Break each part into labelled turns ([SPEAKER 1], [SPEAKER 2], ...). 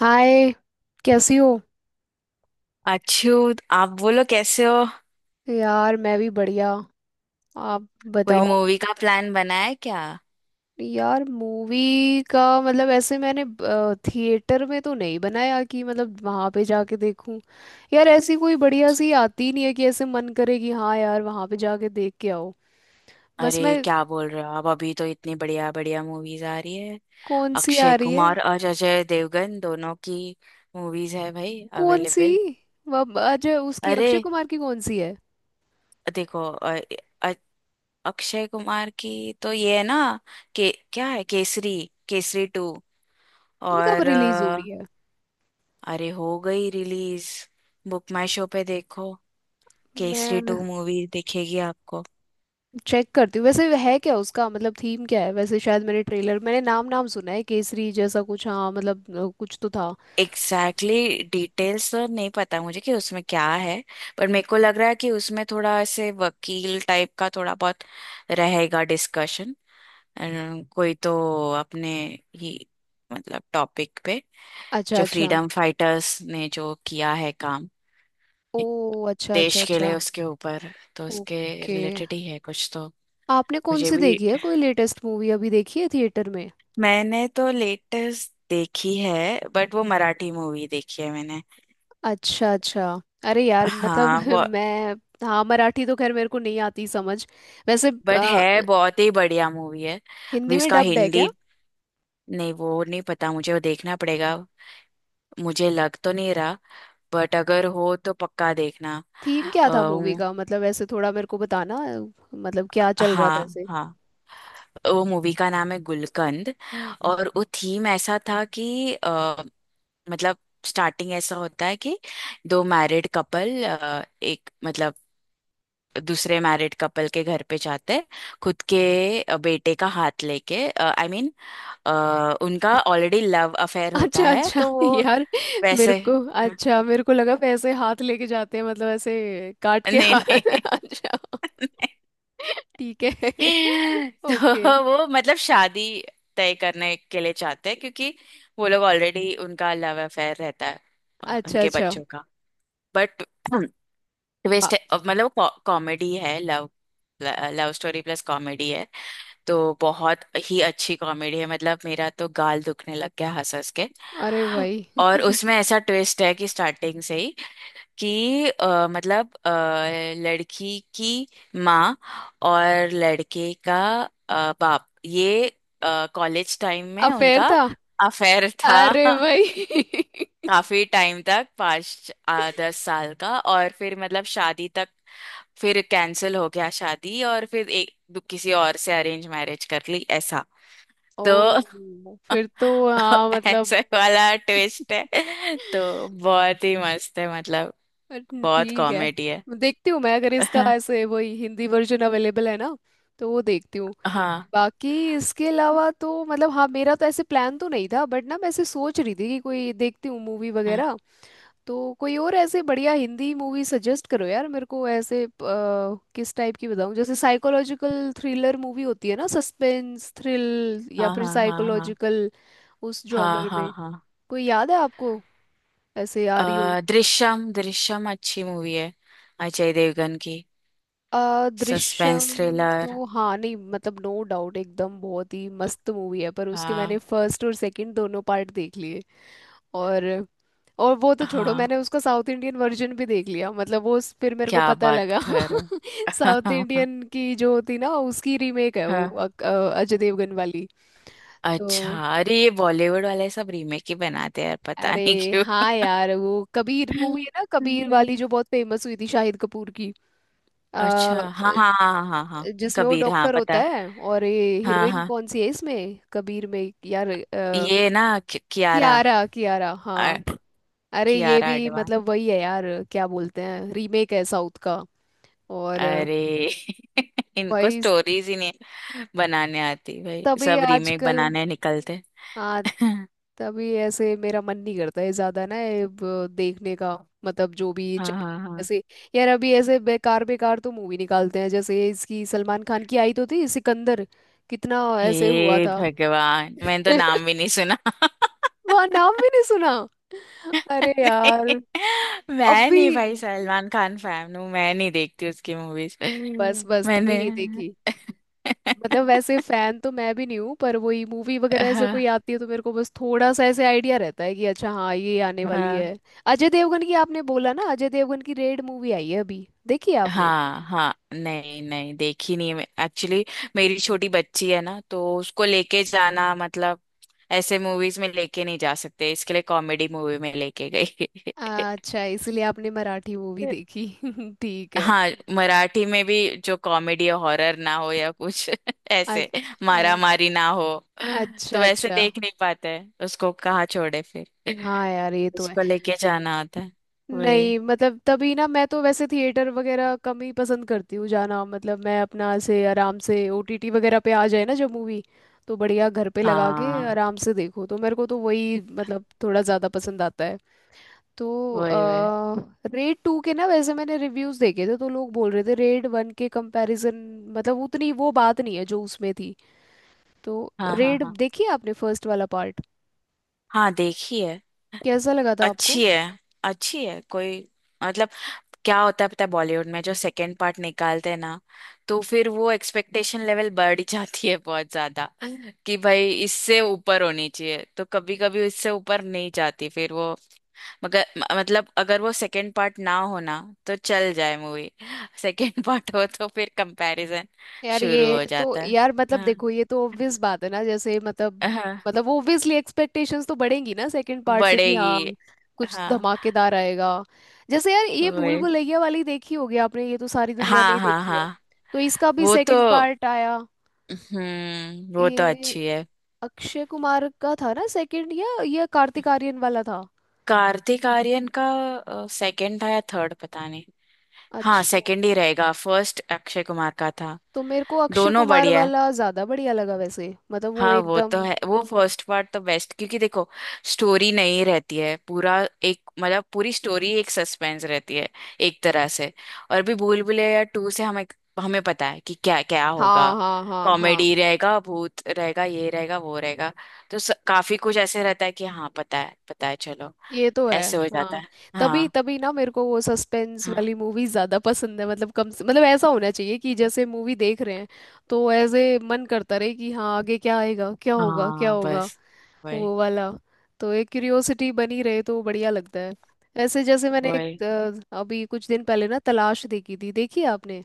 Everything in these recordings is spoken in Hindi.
[SPEAKER 1] हाय। कैसी हो।
[SPEAKER 2] अच्छू। आप बोलो कैसे हो।
[SPEAKER 1] यार मैं भी बढ़िया। आप
[SPEAKER 2] कोई
[SPEAKER 1] बताओ।
[SPEAKER 2] मूवी का प्लान बना है क्या।
[SPEAKER 1] यार मूवी का मतलब ऐसे मैंने थिएटर में तो नहीं बनाया कि मतलब वहां पे जाके देखूं। यार ऐसी कोई बढ़िया सी आती नहीं है कि ऐसे मन करे कि हाँ यार वहां पे जाके देख के आओ।
[SPEAKER 2] अरे
[SPEAKER 1] बस मैं।
[SPEAKER 2] क्या बोल रहे हो आप, अभी तो इतनी बढ़िया बढ़िया मूवीज आ रही है।
[SPEAKER 1] कौन सी आ
[SPEAKER 2] अक्षय
[SPEAKER 1] रही है?
[SPEAKER 2] कुमार और अजय देवगन दोनों की मूवीज है भाई
[SPEAKER 1] कौन सी?
[SPEAKER 2] अवेलेबल।
[SPEAKER 1] वह अजय उसकी
[SPEAKER 2] अरे
[SPEAKER 1] अक्षय कुमार की कौन सी है?
[SPEAKER 2] देखो, अ- अक्षय कुमार की तो ये है ना, के क्या है, केसरी, केसरी टू।
[SPEAKER 1] ये कब
[SPEAKER 2] और
[SPEAKER 1] रिलीज हो रही है?
[SPEAKER 2] अरे हो गई रिलीज। बुक माई शो पे देखो, केसरी टू
[SPEAKER 1] मैं
[SPEAKER 2] मूवी दिखेगी आपको।
[SPEAKER 1] चेक करती हूँ। वैसे है क्या उसका मतलब, थीम क्या है? वैसे शायद मैंने ट्रेलर, मैंने नाम नाम सुना है केसरी जैसा कुछ। हाँ मतलब कुछ तो था।
[SPEAKER 2] एग्जैक्टली exactly, डिटेल्स तो नहीं पता मुझे कि उसमें क्या है। पर मेरे को लग रहा है कि उसमें थोड़ा ऐसे वकील टाइप का थोड़ा बहुत रहेगा डिस्कशन। कोई तो अपने ही मतलब टॉपिक पे,
[SPEAKER 1] अच्छा
[SPEAKER 2] जो
[SPEAKER 1] अच्छा।
[SPEAKER 2] फ्रीडम फाइटर्स ने जो किया है काम
[SPEAKER 1] ओ, अच्छा
[SPEAKER 2] देश
[SPEAKER 1] अच्छा
[SPEAKER 2] के लिए
[SPEAKER 1] अच्छा।
[SPEAKER 2] उसके ऊपर तो उसके
[SPEAKER 1] ओके।
[SPEAKER 2] रिलेटेड ही है कुछ तो।
[SPEAKER 1] आपने कौन
[SPEAKER 2] मुझे
[SPEAKER 1] सी
[SPEAKER 2] भी,
[SPEAKER 1] देखी है? कोई लेटेस्ट मूवी अभी देखी है थिएटर में?
[SPEAKER 2] मैंने तो लेटेस्ट देखी है, बट वो मराठी मूवी देखी है मैंने।
[SPEAKER 1] अच्छा अच्छा। अरे यार मतलब
[SPEAKER 2] हाँ।
[SPEAKER 1] मैं। हाँ, मराठी तो खैर मेरे को नहीं आती समझ। वैसे
[SPEAKER 2] बट है, बहुत ही बढ़िया मूवी है अभी
[SPEAKER 1] हिंदी में
[SPEAKER 2] उसका
[SPEAKER 1] डब्ड है क्या?
[SPEAKER 2] हिंदी। नहीं वो नहीं पता मुझे, वो देखना पड़ेगा। मुझे लग तो नहीं रहा, बट अगर हो तो पक्का देखना।
[SPEAKER 1] थीम क्या
[SPEAKER 2] अ,
[SPEAKER 1] था मूवी
[SPEAKER 2] वो-
[SPEAKER 1] का, मतलब ऐसे थोड़ा मेरे को बताना मतलब क्या चल रहा था
[SPEAKER 2] हाँ
[SPEAKER 1] ऐसे।
[SPEAKER 2] हाँ। वो मूवी का नाम है गुलकंद। और वो थीम ऐसा था कि मतलब स्टार्टिंग ऐसा होता है कि दो मैरिड कपल, एक मतलब दूसरे मैरिड कपल के घर पे जाते हैं, खुद के बेटे का हाथ लेके, आई मीन अ, उनका ऑलरेडी लव अफेयर होता
[SPEAKER 1] अच्छा
[SPEAKER 2] है
[SPEAKER 1] अच्छा
[SPEAKER 2] तो वो
[SPEAKER 1] यार। मेरे
[SPEAKER 2] वैसे।
[SPEAKER 1] को अच्छा, मेरे को लगा पैसे हाथ लेके जाते हैं, मतलब ऐसे काट के
[SPEAKER 2] नहीं
[SPEAKER 1] हाथ।
[SPEAKER 2] नहीं।
[SPEAKER 1] अच्छा। ठीक है। ओके।
[SPEAKER 2] तो वो मतलब शादी तय करने के लिए चाहते हैं क्योंकि वो लोग ऑलरेडी उनका लव अफेयर रहता है,
[SPEAKER 1] अच्छा
[SPEAKER 2] उनके
[SPEAKER 1] अच्छा।
[SPEAKER 2] बच्चों का। बट ट्विस्ट
[SPEAKER 1] बा-
[SPEAKER 2] है अब, मतलब कॉमेडी है, love love story plus comedy है। तो बहुत ही अच्छी कॉमेडी है, मतलब मेरा तो गाल दुखने लग गया हंस हंस के।
[SPEAKER 1] अरे भाई।
[SPEAKER 2] और उसमें ऐसा ट्विस्ट है कि स्टार्टिंग से ही कि लड़की की माँ और लड़के का बाप ये कॉलेज टाइम में
[SPEAKER 1] अफेयर
[SPEAKER 2] उनका
[SPEAKER 1] था।
[SPEAKER 2] अफेयर था।
[SPEAKER 1] अरे भाई।
[SPEAKER 2] काफी टाइम तक, पाँच दस साल का, और फिर मतलब शादी तक। फिर कैंसिल हो गया शादी, और फिर किसी और से अरेंज मैरिज कर ली, ऐसा। तो
[SPEAKER 1] ओ फिर तो हाँ
[SPEAKER 2] ऐसे
[SPEAKER 1] मतलब,
[SPEAKER 2] वाला ट्विस्ट है, तो बहुत ही मस्त है, मतलब बहुत
[SPEAKER 1] ठीक है।
[SPEAKER 2] कॉमेडी है।
[SPEAKER 1] देखती हूँ मैं, अगर इसका ऐसे वही हिंदी वर्जन अवेलेबल है ना, तो वो देखती हूँ।
[SPEAKER 2] हाँ
[SPEAKER 1] बाकी इसके अलावा तो मतलब हाँ, मेरा तो ऐसे प्लान तो नहीं था, बट ना मैं ऐसे सोच रही थी कि कोई देखती हूँ मूवी
[SPEAKER 2] हाँ
[SPEAKER 1] वगैरह। तो कोई और ऐसे बढ़िया हिंदी मूवी सजेस्ट करो यार मेरे को ऐसे किस टाइप की बताऊँ, जैसे साइकोलॉजिकल थ्रिलर मूवी होती है ना, सस्पेंस थ्रिल या
[SPEAKER 2] हाँ
[SPEAKER 1] फिर
[SPEAKER 2] हाँ हाँ
[SPEAKER 1] साइकोलॉजिकल, उस
[SPEAKER 2] हाँ
[SPEAKER 1] जॉनर
[SPEAKER 2] हाँ
[SPEAKER 1] में
[SPEAKER 2] हाँ
[SPEAKER 1] कोई याद है आपको ऐसे आ रही हो?
[SPEAKER 2] हाँ। दृश्यम, दृश्यम अच्छी मूवी है, अजय देवगन की। Suspense
[SPEAKER 1] Drishyam
[SPEAKER 2] thriller.
[SPEAKER 1] तो हाँ, नहीं मतलब नो डाउट एकदम बहुत ही मस्त मूवी है, पर उसके मैंने
[SPEAKER 2] हाँ
[SPEAKER 1] फर्स्ट और सेकंड दोनों पार्ट देख लिए। और वो तो छोड़ो,
[SPEAKER 2] हाँ,
[SPEAKER 1] मैंने उसका साउथ इंडियन वर्जन भी देख लिया। मतलब वो फिर मेरे को
[SPEAKER 2] क्या
[SPEAKER 1] पता
[SPEAKER 2] बात
[SPEAKER 1] लगा
[SPEAKER 2] कर।
[SPEAKER 1] साउथ
[SPEAKER 2] हाँ
[SPEAKER 1] इंडियन की जो होती ना, उसकी रीमेक है वो
[SPEAKER 2] हाँ,
[SPEAKER 1] अजय देवगन वाली। तो
[SPEAKER 2] अच्छा। अरे ये बॉलीवुड वाले सब रीमेक ही बनाते हैं यार, पता
[SPEAKER 1] अरे
[SPEAKER 2] नहीं क्यों।
[SPEAKER 1] हाँ यार, वो कबीर मूवी है ना, कबीर
[SPEAKER 2] हम्म,
[SPEAKER 1] वाली जो बहुत फेमस हुई थी शाहिद कपूर की। आ,
[SPEAKER 2] अच्छा हाँ हाँ हाँ हाँ हाँ हाँ।
[SPEAKER 1] जिसमें वो
[SPEAKER 2] कबीर, हाँ
[SPEAKER 1] डॉक्टर
[SPEAKER 2] पता
[SPEAKER 1] होता
[SPEAKER 2] है।
[SPEAKER 1] है, और ये
[SPEAKER 2] हाँ
[SPEAKER 1] हीरोइन
[SPEAKER 2] हाँ,
[SPEAKER 1] कौन सी है इसमें कबीर में यार
[SPEAKER 2] ये ना कियारा,
[SPEAKER 1] कियारा कियारा
[SPEAKER 2] अ,
[SPEAKER 1] हाँ। अरे ये
[SPEAKER 2] कियारा
[SPEAKER 1] भी
[SPEAKER 2] आडवाणी।
[SPEAKER 1] मतलब वही है यार, क्या बोलते हैं, रीमेक है साउथ का। और
[SPEAKER 2] अरे इनको
[SPEAKER 1] भाई,
[SPEAKER 2] स्टोरीज ही नहीं बनाने आती भाई,
[SPEAKER 1] तभी
[SPEAKER 2] सब रीमेक
[SPEAKER 1] आजकल
[SPEAKER 2] बनाने निकलते।
[SPEAKER 1] हाँ
[SPEAKER 2] हाँ
[SPEAKER 1] तभी ऐसे मेरा मन नहीं करता है ज्यादा ना ये देखने का, मतलब जो भी
[SPEAKER 2] हाँ हाँ।
[SPEAKER 1] ऐसे। यार अभी ऐसे बेकार बेकार तो मूवी निकालते हैं, जैसे इसकी सलमान खान की आई तो थी सिकंदर, कितना ऐसे हुआ
[SPEAKER 2] हे
[SPEAKER 1] था।
[SPEAKER 2] भगवान, मैंने तो नाम भी नहीं सुना।
[SPEAKER 1] वहां नाम भी नहीं सुना। अरे यार।
[SPEAKER 2] नहीं, मैं
[SPEAKER 1] अभी
[SPEAKER 2] नहीं भाई, सलमान खान फैन हूँ मैं, नहीं देखती उसकी मूवीज।
[SPEAKER 1] बस बस तभी
[SPEAKER 2] मैंने,
[SPEAKER 1] नहीं देखी। मतलब वैसे फैन तो मैं भी नहीं हूँ, पर वही मूवी वगैरह ऐसे कोई
[SPEAKER 2] हाँ
[SPEAKER 1] आती है तो मेरे को बस थोड़ा सा ऐसे आइडिया रहता है कि अच्छा हाँ ये आने वाली
[SPEAKER 2] हाँ
[SPEAKER 1] है। अजय देवगन की आपने बोला ना, अजय देवगन की रेड मूवी आई है अभी, देखी है आपने?
[SPEAKER 2] हाँ हाँ। नहीं नहीं देखी नहीं है एक्चुअली। मेरी छोटी बच्ची है ना, तो उसको लेके जाना मतलब ऐसे मूवीज में लेके नहीं जा सकते, इसके लिए कॉमेडी मूवी में लेके गई।
[SPEAKER 1] अच्छा इसलिए आपने मराठी मूवी देखी। ठीक है।
[SPEAKER 2] हाँ, मराठी में भी जो कॉमेडी या हॉरर ना हो या कुछ
[SPEAKER 1] अ-
[SPEAKER 2] ऐसे मारा
[SPEAKER 1] अर-
[SPEAKER 2] मारी ना हो, तो
[SPEAKER 1] अच्छा
[SPEAKER 2] वैसे
[SPEAKER 1] अच्छा।
[SPEAKER 2] देख नहीं पाते हैं, उसको कहाँ छोड़े फिर,
[SPEAKER 1] हाँ यार ये तो है।
[SPEAKER 2] उसको लेके जाना होता है। वही।
[SPEAKER 1] नहीं मतलब तभी ना मैं तो वैसे थिएटर वगैरह कम ही पसंद करती हूँ जाना, मतलब मैं अपना से आराम से ओटीटी वगैरह पे आ जाए ना जब मूवी, तो बढ़िया घर पे लगा के
[SPEAKER 2] हाँ।
[SPEAKER 1] आराम से देखो, तो मेरे को तो वही मतलब थोड़ा ज़्यादा पसंद आता है। तो
[SPEAKER 2] वही वही।
[SPEAKER 1] रेड टू के ना वैसे मैंने रिव्यूज़ देखे थे, तो लोग बोल रहे थे रेड वन के कंपैरिजन मतलब उतनी वो बात नहीं है जो उसमें थी। तो
[SPEAKER 2] हाँ हाँ
[SPEAKER 1] रेड
[SPEAKER 2] हाँ
[SPEAKER 1] देखिए आपने फर्स्ट वाला पार्ट,
[SPEAKER 2] हाँ, देखी है।
[SPEAKER 1] कैसा लगा था आपको?
[SPEAKER 2] अच्छी है, अच्छी है, कोई मतलब क्या होता है पता है, बॉलीवुड में जो सेकंड पार्ट निकालते हैं ना, तो फिर वो एक्सपेक्टेशन लेवल बढ़ जाती है बहुत ज्यादा, कि भाई इससे ऊपर होनी चाहिए, तो कभी कभी इससे ऊपर नहीं जाती फिर वो। मतलब अगर वो सेकंड पार्ट ना हो ना, तो चल जाए मूवी। सेकंड पार्ट हो तो फिर कंपैरिजन
[SPEAKER 1] यार
[SPEAKER 2] शुरू
[SPEAKER 1] ये
[SPEAKER 2] हो
[SPEAKER 1] तो
[SPEAKER 2] जाता है।
[SPEAKER 1] यार मतलब,
[SPEAKER 2] हाँ
[SPEAKER 1] देखो ये तो ऑब्वियस बात है ना, जैसे मतलब,
[SPEAKER 2] हाँ,
[SPEAKER 1] मतलब वो ऑब्वियसली एक्सपेक्टेशंस तो बढ़ेंगी ना सेकंड पार्ट से कि हाँ
[SPEAKER 2] बढ़ेगी।
[SPEAKER 1] कुछ
[SPEAKER 2] हाँ,
[SPEAKER 1] धमाकेदार आएगा। जैसे यार ये भूल
[SPEAKER 2] वही।
[SPEAKER 1] भुलैया वाली देखी होगी आपने, ये तो सारी दुनिया
[SPEAKER 2] हाँ
[SPEAKER 1] नहीं
[SPEAKER 2] हाँ
[SPEAKER 1] देखी है,
[SPEAKER 2] हाँ।
[SPEAKER 1] तो इसका भी
[SPEAKER 2] वो तो,
[SPEAKER 1] सेकंड पार्ट आया।
[SPEAKER 2] हम्म, वो तो
[SPEAKER 1] ये
[SPEAKER 2] अच्छी है।
[SPEAKER 1] अक्षय कुमार का था ना सेकंड, या ये कार्तिक आर्यन वाला था?
[SPEAKER 2] कार्तिक आर्यन का सेकंड था या थर्ड, पता नहीं। हाँ
[SPEAKER 1] अच्छा,
[SPEAKER 2] सेकंड ही रहेगा, फर्स्ट अक्षय कुमार का था।
[SPEAKER 1] तो मेरे को अक्षय
[SPEAKER 2] दोनों
[SPEAKER 1] कुमार
[SPEAKER 2] बढ़िया है।
[SPEAKER 1] वाला ज्यादा बढ़िया लगा वैसे, मतलब वो
[SPEAKER 2] हाँ वो तो
[SPEAKER 1] एकदम।
[SPEAKER 2] है, वो फर्स्ट पार्ट तो बेस्ट क्योंकि देखो स्टोरी नहीं रहती है पूरा, एक मतलब पूरी स्टोरी एक सस्पेंस रहती है एक तरह से। और भी, भूल भुलैया टू से हमें हमें पता है कि क्या क्या होगा,
[SPEAKER 1] हाँ हाँ हाँ
[SPEAKER 2] कॉमेडी
[SPEAKER 1] हाँ।
[SPEAKER 2] रहेगा, भूत रहेगा, ये रहेगा, वो रहेगा, तो काफी कुछ ऐसे रहता है कि हाँ पता है, पता है, चलो
[SPEAKER 1] ये तो है।
[SPEAKER 2] ऐसे हो जाता
[SPEAKER 1] हाँ।
[SPEAKER 2] है।
[SPEAKER 1] तभी
[SPEAKER 2] हाँ
[SPEAKER 1] तभी ना मेरे को वो सस्पेंस
[SPEAKER 2] हाँ।
[SPEAKER 1] वाली मूवी ज्यादा पसंद है, मतलब कम से मतलब ऐसा होना चाहिए कि जैसे मूवी देख रहे हैं तो ऐसे मन करता रहे कि हाँ आगे क्या आएगा, क्या होगा क्या
[SPEAKER 2] हाँ
[SPEAKER 1] होगा,
[SPEAKER 2] बस, वही
[SPEAKER 1] वो वाला, तो एक क्यूरियोसिटी बनी रहे तो बढ़िया लगता है। ऐसे जैसे मैंने एक
[SPEAKER 2] वही।
[SPEAKER 1] अभी कुछ दिन पहले ना तलाश देखी थी, देखी है आपने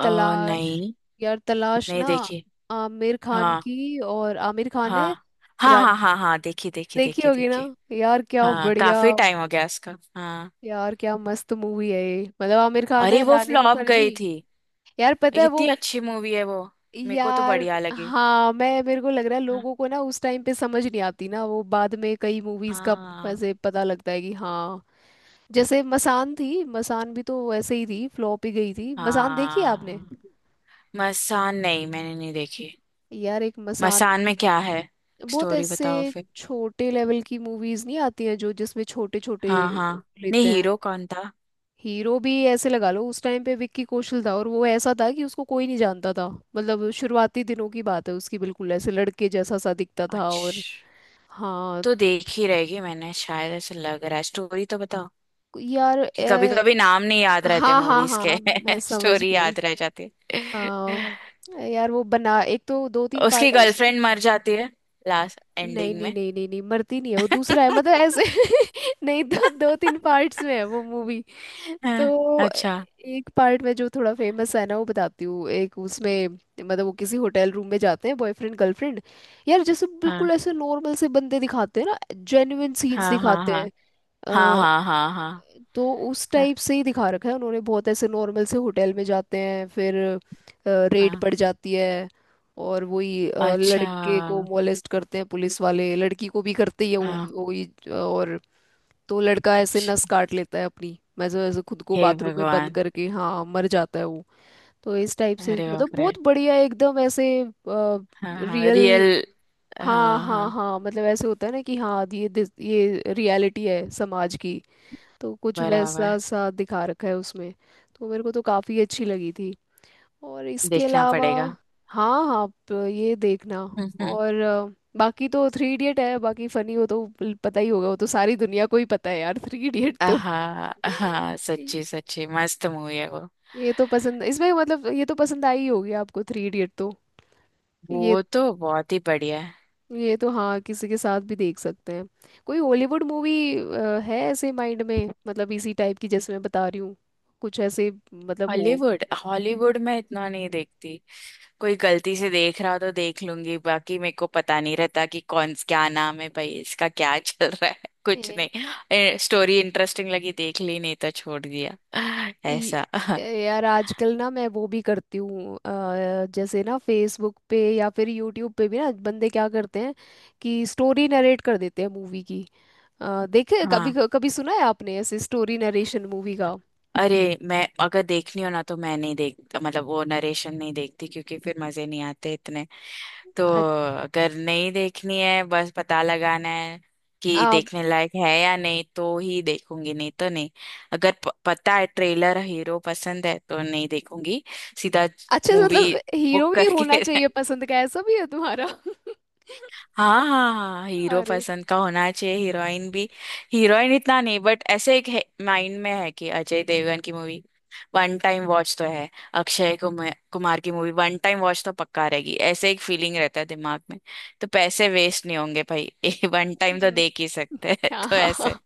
[SPEAKER 2] अ
[SPEAKER 1] तलाश?
[SPEAKER 2] नहीं
[SPEAKER 1] यार तलाश
[SPEAKER 2] नहीं
[SPEAKER 1] ना
[SPEAKER 2] देखी।
[SPEAKER 1] आमिर खान
[SPEAKER 2] हाँ
[SPEAKER 1] की, और आमिर खान
[SPEAKER 2] हाँ
[SPEAKER 1] है
[SPEAKER 2] हाँ
[SPEAKER 1] रान
[SPEAKER 2] हाँ हाँ हाँ, देखी देखी
[SPEAKER 1] देखी
[SPEAKER 2] देखी
[SPEAKER 1] होगी ना।
[SPEAKER 2] देखी।
[SPEAKER 1] यार क्या
[SPEAKER 2] हाँ
[SPEAKER 1] बढ़िया।
[SPEAKER 2] काफी टाइम हो गया उसका, हाँ।
[SPEAKER 1] यार क्या मस्त मूवी है ये, मतलब आमिर खान
[SPEAKER 2] अरे
[SPEAKER 1] है,
[SPEAKER 2] वो
[SPEAKER 1] रानी
[SPEAKER 2] फ्लॉप
[SPEAKER 1] मुखर्जी।
[SPEAKER 2] गई थी,
[SPEAKER 1] यार पता है वो,
[SPEAKER 2] इतनी अच्छी मूवी है वो, मेरे को तो
[SPEAKER 1] यार
[SPEAKER 2] बढ़िया लगी।
[SPEAKER 1] हाँ मैं, मेरे को लग रहा है
[SPEAKER 2] हाँ
[SPEAKER 1] लोगों को ना उस टाइम पे समझ नहीं आती ना, वो बाद में कई मूवीज का
[SPEAKER 2] हाँ
[SPEAKER 1] ऐसे पता लगता है कि हाँ। जैसे मसान थी, मसान भी तो ऐसे ही थी, फ्लॉप ही गई थी। मसान देखी है आपने?
[SPEAKER 2] हाँ। मसान नहीं, मैंने नहीं देखी।
[SPEAKER 1] यार एक मसान
[SPEAKER 2] मसान में क्या है,
[SPEAKER 1] बहुत,
[SPEAKER 2] स्टोरी बताओ
[SPEAKER 1] ऐसे
[SPEAKER 2] फिर।
[SPEAKER 1] छोटे लेवल की मूवीज नहीं आती हैं जो जिसमें छोटे छोटे
[SPEAKER 2] हाँ हाँ, नहीं
[SPEAKER 1] लेते हैं।
[SPEAKER 2] हीरो कौन था।
[SPEAKER 1] हीरो भी ऐसे लगा लो उस टाइम पे विक्की कौशल था, और वो ऐसा था कि उसको कोई नहीं जानता था। मतलब शुरुआती दिनों की बात है उसकी, बिल्कुल ऐसे लड़के जैसा सा दिखता था, और
[SPEAKER 2] अच्छा,
[SPEAKER 1] हाँ।
[SPEAKER 2] तो देख ही रहेगी मैंने शायद, ऐसा लग रहा है, स्टोरी तो बताओ,
[SPEAKER 1] यार
[SPEAKER 2] कि कभी कभी नाम नहीं याद रहते
[SPEAKER 1] हाँ हाँ
[SPEAKER 2] मूवीज के।
[SPEAKER 1] हाँ मैं समझ
[SPEAKER 2] स्टोरी
[SPEAKER 1] गई।
[SPEAKER 2] याद रह जाती
[SPEAKER 1] आ,
[SPEAKER 2] है।
[SPEAKER 1] यार वो बना, एक तो दो तीन
[SPEAKER 2] उसकी
[SPEAKER 1] पार्ट है उसमें।
[SPEAKER 2] गर्लफ्रेंड मर जाती है लास्ट
[SPEAKER 1] नहीं
[SPEAKER 2] एंडिंग
[SPEAKER 1] नहीं
[SPEAKER 2] में।
[SPEAKER 1] नहीं नहीं नहीं, मरती नहीं है वो, दूसरा है मतलब ऐसे। नहीं, दो, दो तीन पार्ट्स में है वो मूवी।
[SPEAKER 2] हाँ,
[SPEAKER 1] तो
[SPEAKER 2] अच्छा।
[SPEAKER 1] एक पार्ट में जो थोड़ा फेमस है ना वो बताती हूँ, एक उसमें, मतलब वो किसी होटल रूम में जाते हैं बॉयफ्रेंड गर्लफ्रेंड। यार जैसे
[SPEAKER 2] हाँ
[SPEAKER 1] बिल्कुल ऐसे नॉर्मल से बंदे दिखाते हैं ना, जेन्युइन सीन्स
[SPEAKER 2] हाँ हाँ
[SPEAKER 1] दिखाते हैं।
[SPEAKER 2] हाँ हाँ हाँ हाँ हाँ
[SPEAKER 1] तो उस
[SPEAKER 2] हाँ
[SPEAKER 1] टाइप से ही दिखा रखा है उन्होंने, बहुत ऐसे नॉर्मल से होटल में जाते हैं, फिर रेड
[SPEAKER 2] हाँ,
[SPEAKER 1] पड़ जाती है। और वही
[SPEAKER 2] अच्छा,
[SPEAKER 1] लड़के को मोलेस्ट करते हैं पुलिस वाले, लड़की को भी करते ही है
[SPEAKER 2] हाँ,
[SPEAKER 1] वही और तो लड़का ऐसे
[SPEAKER 2] अच्छा,
[SPEAKER 1] नस काट लेता है अपनी, मैं जो ऐसे खुद को
[SPEAKER 2] हे
[SPEAKER 1] बाथरूम में बंद
[SPEAKER 2] भगवान,
[SPEAKER 1] करके हाँ मर जाता है वो। तो इस टाइप से,
[SPEAKER 2] अरे
[SPEAKER 1] मतलब
[SPEAKER 2] बाप रे।
[SPEAKER 1] बहुत बढ़िया एकदम ऐसे
[SPEAKER 2] हाँ हाँ
[SPEAKER 1] रियल।
[SPEAKER 2] रियल।
[SPEAKER 1] हाँ
[SPEAKER 2] हाँ
[SPEAKER 1] हाँ
[SPEAKER 2] हाँ,
[SPEAKER 1] हाँ, मतलब ऐसे होता है ना कि हाँ ये ये रियलिटी है समाज की, तो कुछ
[SPEAKER 2] बराबर।
[SPEAKER 1] वैसा सा दिखा रखा है उसमें। तो मेरे को तो काफ़ी अच्छी लगी थी। और इसके
[SPEAKER 2] देखना
[SPEAKER 1] अलावा
[SPEAKER 2] पड़ेगा।
[SPEAKER 1] हाँ हाँ, आप ये देखना। और बाकी तो थ्री इडियट है, बाकी फनी हो तो पता ही होगा, वो तो सारी दुनिया को ही पता है यार थ्री इडियट तो।
[SPEAKER 2] हाँ हाँ, सच्ची सच्ची मस्त मूवी है वो।
[SPEAKER 1] ये तो पसंद, इसमें मतलब ये तो पसंद आई होगी आपको थ्री इडियट तो। ये
[SPEAKER 2] वो तो बहुत ही बढ़िया है।
[SPEAKER 1] ये तो हाँ किसी के साथ भी देख सकते हैं। कोई हॉलीवुड मूवी है ऐसे माइंड में, मतलब इसी टाइप की जैसे मैं बता रही हूँ, कुछ ऐसे मतलब हो?
[SPEAKER 2] हॉलीवुड, हॉलीवुड में इतना नहीं देखती, कोई गलती से देख रहा हो तो देख लूंगी, बाकी मेरे को पता नहीं रहता कि कौन क्या नाम है भाई, इसका क्या चल रहा है। कुछ
[SPEAKER 1] ये-
[SPEAKER 2] नहीं, स्टोरी इंटरेस्टिंग लगी देख ली, नहीं तो छोड़ दिया ऐसा।
[SPEAKER 1] यार आजकल ना मैं वो भी करती हूँ, जैसे ना फेसबुक पे या फिर यूट्यूब पे भी ना बंदे क्या करते हैं कि स्टोरी नरेट कर देते हैं मूवी की। देखे कभी
[SPEAKER 2] हाँ,
[SPEAKER 1] कभी, सुना है आपने ऐसे स्टोरी नरेशन मूवी का?
[SPEAKER 2] अरे, मैं अगर देखनी हो ना तो मैं नहीं देख, मतलब वो नरेशन नहीं देखती क्योंकि फिर मजे नहीं आते इतने। तो
[SPEAKER 1] अ-
[SPEAKER 2] अगर नहीं देखनी है, बस पता लगाना है कि
[SPEAKER 1] आ,
[SPEAKER 2] देखने लायक है या नहीं, तो ही देखूंगी नहीं तो नहीं। अगर पता है ट्रेलर, हीरो पसंद है तो नहीं देखूंगी, सीधा
[SPEAKER 1] अच्छा,
[SPEAKER 2] मूवी
[SPEAKER 1] मतलब हीरो
[SPEAKER 2] बुक
[SPEAKER 1] भी होना
[SPEAKER 2] करके।
[SPEAKER 1] चाहिए पसंद का? ऐसा भी है तुम्हारा।
[SPEAKER 2] हाँ हाँ हाँ, हीरो
[SPEAKER 1] अरे
[SPEAKER 2] पसंद का होना चाहिए, हीरोइन भी। हीरोइन इतना नहीं, बट ऐसे एक माइंड में है कि अजय देवगन की मूवी वन टाइम वॉच तो है, अक्षय कुमार कुमार की मूवी वन टाइम वॉच तो पक्का रहेगी, ऐसे एक फीलिंग रहता है दिमाग में। तो पैसे वेस्ट नहीं होंगे भाई, वन टाइम तो
[SPEAKER 1] हम्म।
[SPEAKER 2] देख ही सकते हैं,
[SPEAKER 1] क्या।
[SPEAKER 2] तो ऐसे।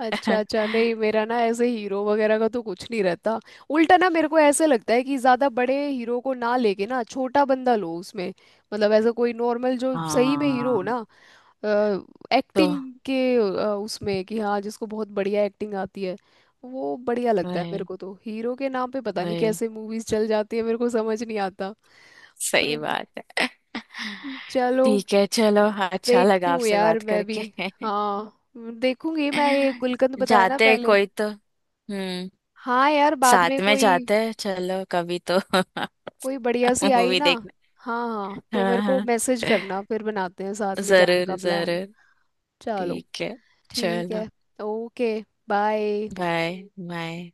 [SPEAKER 1] अच्छा अच्छा, नहीं मेरा ना ऐसे हीरो वगैरह का तो कुछ नहीं रहता। उल्टा ना मेरे को ऐसे लगता है कि ज्यादा बड़े हीरो को ना लेके ना छोटा बंदा लो उसमें। मतलब ऐसा कोई नॉर्मल जो सही में हीरो हो
[SPEAKER 2] हाँ,
[SPEAKER 1] ना
[SPEAKER 2] तो
[SPEAKER 1] एक्टिंग के उसमें, कि हाँ जिसको बहुत बढ़िया एक्टिंग आती है, वो बढ़िया लगता है मेरे
[SPEAKER 2] वही
[SPEAKER 1] को तो। हीरो के नाम पे पता नहीं
[SPEAKER 2] वही
[SPEAKER 1] कैसे मूवीज चल जाती है, मेरे को समझ नहीं आता।
[SPEAKER 2] सही
[SPEAKER 1] पर
[SPEAKER 2] बात है।
[SPEAKER 1] चलो,
[SPEAKER 2] ठीक है चलो, अच्छा
[SPEAKER 1] देखती
[SPEAKER 2] लगा
[SPEAKER 1] हूँ
[SPEAKER 2] आपसे
[SPEAKER 1] यार
[SPEAKER 2] बात
[SPEAKER 1] मैं भी।
[SPEAKER 2] करके।
[SPEAKER 1] हाँ देखूंगी मैं ये गुलकंद बताया ना
[SPEAKER 2] जाते हैं
[SPEAKER 1] पहले।
[SPEAKER 2] कोई तो, हम्म,
[SPEAKER 1] हाँ यार बाद में
[SPEAKER 2] साथ में
[SPEAKER 1] कोई,
[SPEAKER 2] जाते हैं चलो कभी तो,
[SPEAKER 1] कोई बढ़िया सी आई
[SPEAKER 2] मूवी
[SPEAKER 1] ना,
[SPEAKER 2] देखने।
[SPEAKER 1] हाँ हाँ तो
[SPEAKER 2] हाँ
[SPEAKER 1] मेरे को
[SPEAKER 2] हाँ,
[SPEAKER 1] मैसेज करना, फिर बनाते हैं साथ में जाने
[SPEAKER 2] जरूर
[SPEAKER 1] का प्लान।
[SPEAKER 2] जरूर।
[SPEAKER 1] चलो
[SPEAKER 2] ठीक है
[SPEAKER 1] ठीक
[SPEAKER 2] चलो।
[SPEAKER 1] है। Okay bye.
[SPEAKER 2] बाय। बाय।